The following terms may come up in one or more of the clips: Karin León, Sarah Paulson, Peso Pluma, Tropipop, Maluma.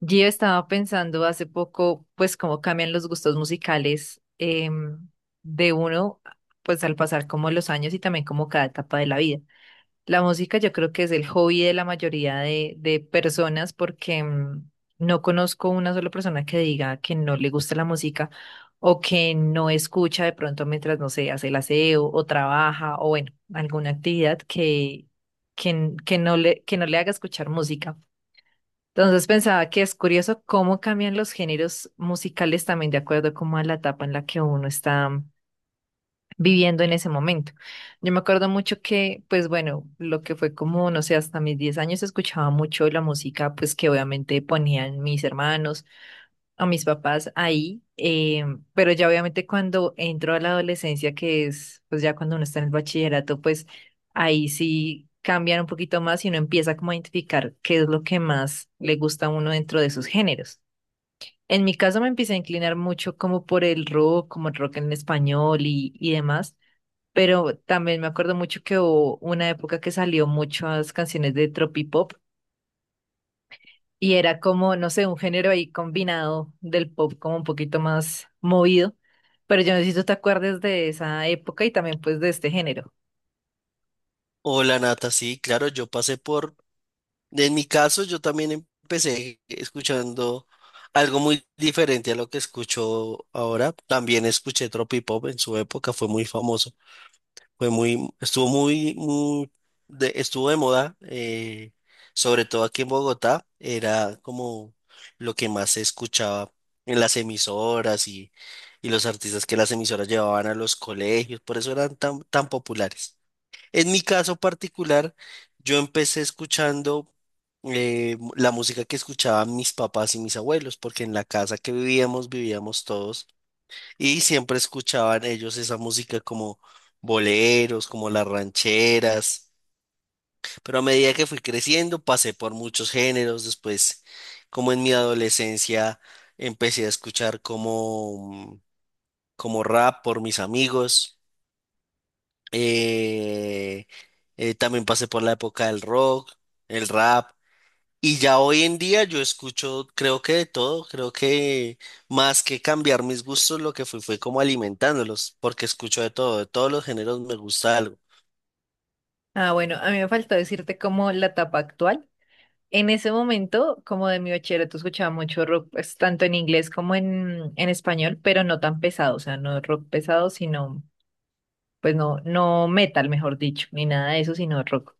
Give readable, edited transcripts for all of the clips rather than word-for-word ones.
Yo estaba pensando hace poco, pues, cómo cambian los gustos musicales de uno, pues, al pasar como los años y también como cada etapa de la vida. La música yo creo que es el hobby de la mayoría de personas porque no conozco una sola persona que diga que no le gusta la música o que no escucha de pronto mientras, no sé, hace el aseo o trabaja o bueno, alguna actividad que no le, que no le haga escuchar música. Entonces pensaba que es curioso cómo cambian los géneros musicales también de acuerdo como a la etapa en la que uno está viviendo en ese momento. Yo me acuerdo mucho que, pues bueno, lo que fue como, no sé, hasta mis 10 años escuchaba mucho la música, pues que obviamente ponían mis hermanos a mis papás ahí, pero ya obviamente cuando entro a la adolescencia, que es pues ya cuando uno está en el bachillerato, pues ahí sí cambian un poquito más y uno empieza como a identificar qué es lo que más le gusta a uno dentro de sus géneros. En mi caso me empecé a inclinar mucho como por el rock, como el rock en español y demás, pero también me acuerdo mucho que hubo una época que salió muchas canciones de tropipop y era como, no sé, un género ahí combinado del pop como un poquito más movido. Pero yo necesito te acuerdes de esa época y también pues de este género. Hola Nata, sí, claro, yo pasé por, en mi caso yo también empecé escuchando algo muy diferente a lo que escucho ahora. También escuché Tropipop en su época, fue muy famoso, fue muy, estuvo muy, muy de, estuvo de moda, sobre todo aquí en Bogotá, era como lo que más se escuchaba en las emisoras y los artistas que las emisoras llevaban a los colegios, por eso eran tan, tan populares. En mi caso particular, yo empecé escuchando la música que escuchaban mis papás y mis abuelos, porque en la casa que vivíamos, vivíamos todos, y siempre escuchaban ellos esa música como boleros, como las rancheras. Pero a medida que fui creciendo, pasé por muchos géneros. Después, como en mi adolescencia, empecé a escuchar como, como rap por mis amigos. eh, también pasé por la época del rock, el rap. Y ya hoy en día yo escucho, creo que de todo, creo que más que cambiar mis gustos, lo que fui fue como alimentándolos, porque escucho de todo, de todos los géneros me gusta algo. Ah, bueno, a mí me faltó decirte como la etapa actual. En ese momento, como de mi bachillerato, escuchaba mucho rock, pues, tanto en inglés como en español, pero no tan pesado, o sea, no rock pesado, sino, pues no, no metal, mejor dicho, ni nada de eso, sino rock.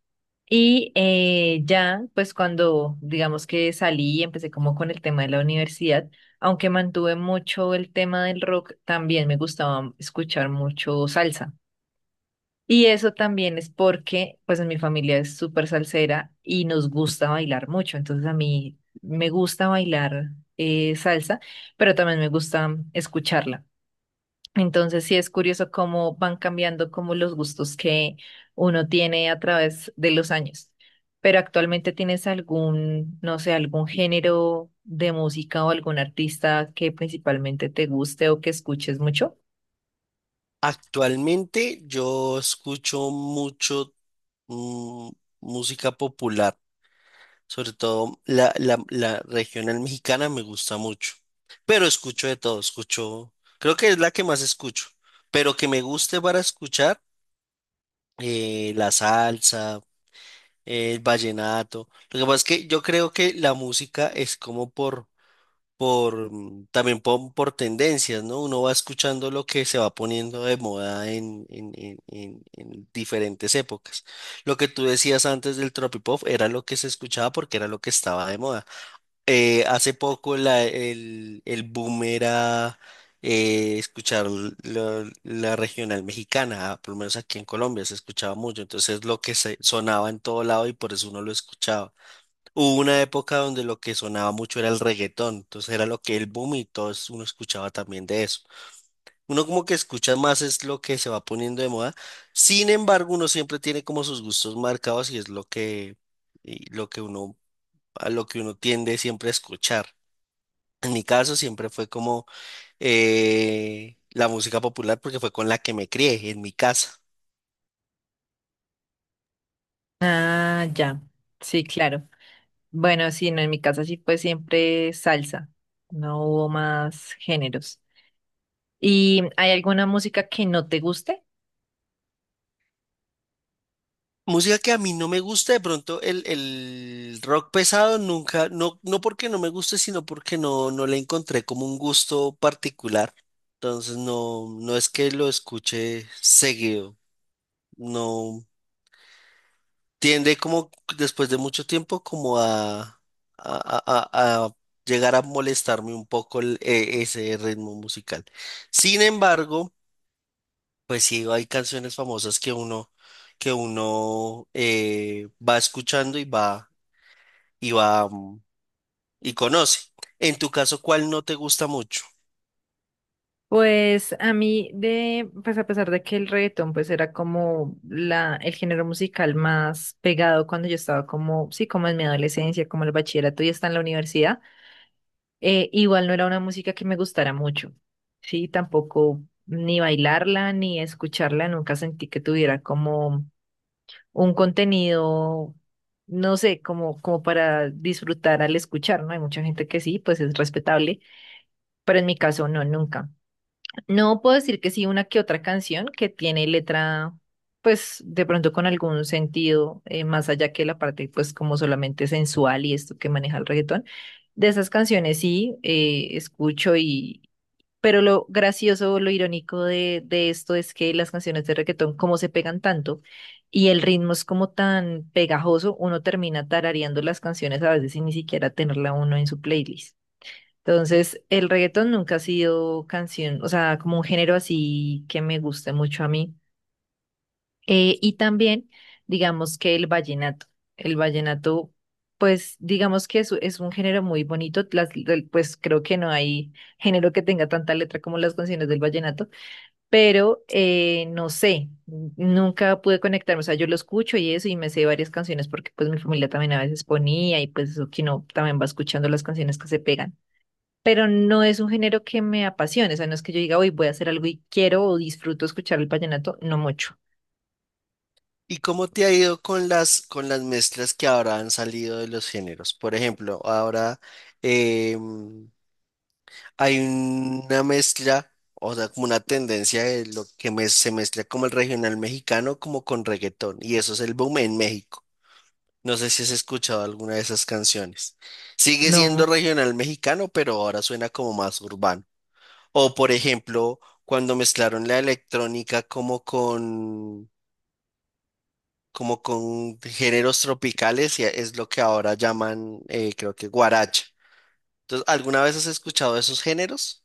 Y ya, pues cuando digamos que salí y empecé como con el tema de la universidad, aunque mantuve mucho el tema del rock, también me gustaba escuchar mucho salsa. Y eso también es porque, pues en mi familia es súper salsera y nos gusta bailar mucho. Entonces a mí me gusta bailar salsa, pero también me gusta escucharla. Entonces sí es curioso cómo van cambiando como los gustos que uno tiene a través de los años. Pero actualmente tienes algún, no sé, algún género de música o algún artista que principalmente te guste o que escuches mucho. Actualmente yo escucho mucho mm, música popular. Sobre todo la regional mexicana me gusta mucho. Pero escucho de todo, escucho, creo que es la que más escucho. Pero que me guste para escuchar, la salsa, el vallenato. Lo que pasa es que yo creo que la música es como por, también por tendencias, ¿no? Uno va escuchando lo que se va poniendo de moda en diferentes épocas. Lo que tú decías antes del tropipop era lo que se escuchaba porque era lo que estaba de moda. Hace poco el boom era escuchar la regional mexicana, por lo menos aquí en Colombia se escuchaba mucho, entonces lo que se sonaba en todo lado y por eso uno lo escuchaba. Hubo una época donde lo que sonaba mucho era el reggaetón, entonces era lo que el boom y todos uno escuchaba también de eso. Uno como que escucha más es lo que se va poniendo de moda, sin embargo uno siempre tiene como sus gustos marcados y es lo que, y lo que uno, a lo que uno tiende siempre a escuchar. En mi caso siempre fue como la música popular porque fue con la que me crié en mi casa. Ah, ya. Sí, claro. Bueno, sí, no, en mi casa sí fue siempre salsa. No hubo más géneros. ¿Y hay alguna música que no te guste? Música que a mí no me gusta, de pronto el rock pesado nunca, no, no porque no me guste, sino porque no, no le encontré como un gusto particular. Entonces no, no es que lo escuche seguido, no tiende como después de mucho tiempo como a- a llegar a molestarme un poco ese ritmo musical. Sin embargo, pues sí, hay canciones famosas que uno va escuchando y va, y va, mm, y conoce. En tu caso, ¿cuál no te gusta mucho? Pues a mí de, pues a pesar de que el reggaetón pues era como la, el género musical más pegado cuando yo estaba como, sí, como en mi adolescencia, como el bachillerato y hasta en la universidad. Igual no era una música que me gustara mucho, sí, tampoco ni bailarla ni escucharla, nunca sentí que tuviera como un contenido, no sé, como, como para disfrutar al escuchar, ¿no? Hay mucha gente que sí, pues es respetable, pero en mi caso no, nunca. No puedo decir que sí, una que otra canción que tiene letra, pues de pronto con algún sentido, más allá que la parte, pues como solamente sensual y esto que maneja el reggaetón. De esas canciones sí, escucho y... Pero lo gracioso, lo irónico de esto es que las canciones de reggaetón, como se pegan tanto y el ritmo es como tan pegajoso, uno termina tarareando las canciones a veces sin ni siquiera tenerla uno en su playlist. Entonces, el reggaetón nunca ha sido canción, o sea, como un género así que me guste mucho a mí. Y también, digamos que el vallenato. El vallenato, pues, digamos que es un género muy bonito. Las, del- pues creo que no hay género que tenga tanta letra como las canciones del vallenato, pero no sé, nunca pude conectarme. O sea, yo lo escucho y eso, y me sé varias canciones porque pues mi familia también a veces ponía y pues eso que no, también va escuchando las canciones que se pegan, pero no es un género que me apasione, o sea, no es que yo diga, hoy voy a hacer algo y quiero o disfruto escuchar el vallenato, no mucho. ¿Y cómo te ha ido con las mezclas que ahora han salido de los géneros? Por ejemplo, ahora eh, mm, hay una mezcla, o sea, como una tendencia de lo que se mezcla como el regional mexicano, como con reggaetón, y eso es el boom en México. No sé si has escuchado alguna de esas canciones. Sigue siendo No. regional mexicano, pero ahora suena como más urbano. O por ejemplo, cuando mezclaron la electrónica como con géneros tropicales, y es lo que ahora llaman, creo que guaracha. Entonces, ¿alguna vez has escuchado esos géneros?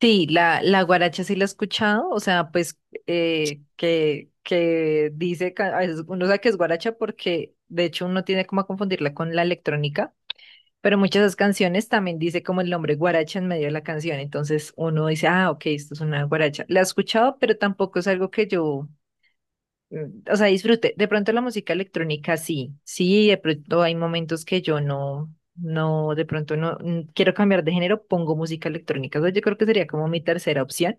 Sí, la guaracha sí la he escuchado, o sea, pues que dice, ca- a veces uno sabe que es guaracha porque de hecho uno tiene como a confundirla con la electrónica, pero muchas de esas canciones también dice como el nombre guaracha en medio de la canción, entonces uno dice, ah, ok, esto es una guaracha. La he escuchado, pero tampoco es algo que yo o sea, disfrute. De pronto la música electrónica sí, sí, de pronto hay momentos que yo no, no, de pronto no quiero cambiar de género, pongo música electrónica. O sea, yo creo que sería como mi tercera opción.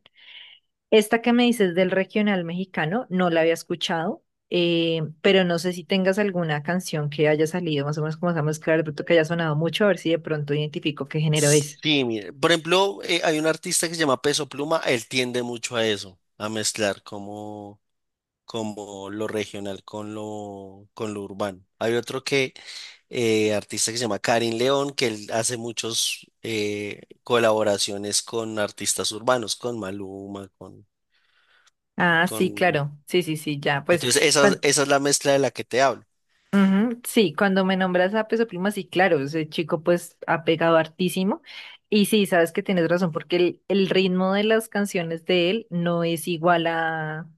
Esta que me dices del regional mexicano, no la había escuchado, pero no sé si tengas alguna canción que haya salido más o menos como esa mezcla, de pronto que haya sonado mucho, a ver si de pronto identifico qué género es. Sí, mire. Por ejemplo, hay un artista que se llama Peso Pluma, él tiende mucho a eso, a mezclar como como lo regional con lo urbano. Hay otro que, artista que se llama Karin León, que él hace muchos colaboraciones con artistas urbanos, con Maluma, Ah, sí, con... claro. Sí, sí, sí, ya. Pues, Entonces, esa, cuan- esa es la mezcla de la que te hablo. Ujú, sí, cuando me nombras a Peso Pluma, sí, claro, ese chico pues ha pegado hartísimo. Y sí, sabes que tienes razón, porque el ritmo de las canciones de él no es igual a,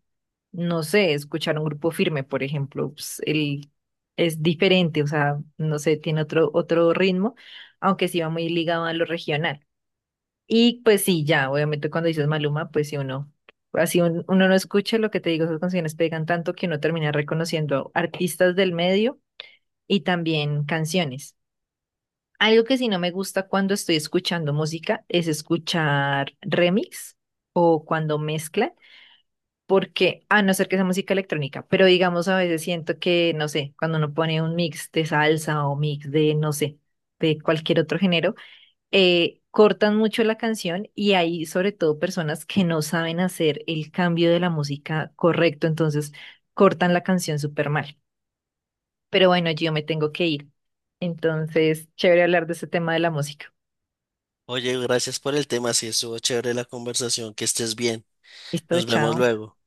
no sé, escuchar un grupo firme, por ejemplo, pues, él es diferente, o sea, no sé, tiene otro, otro ritmo, aunque sí va muy ligado a lo regional. Y pues sí, ya, obviamente cuando dices Maluma, pues sí uno, así un- uno no escucha lo que te digo, esas canciones pegan tanto que uno termina reconociendo artistas del medio y también canciones. Algo que sí no me gusta cuando estoy escuchando música es escuchar remix o cuando mezclan, porque a no ser que sea música electrónica, pero digamos a veces siento que, no sé, cuando uno pone un mix de salsa o mix de, no sé, de cualquier otro género, cortan mucho la canción y hay sobre todo personas que no saben hacer el cambio de la música correcto, entonces cortan la canción súper mal. Pero bueno, yo me tengo que ir. Entonces, chévere hablar de ese tema de la música. Oye, gracias por el tema, sí, estuvo chévere la conversación, que estés bien. Listo, Nos vemos chao. luego.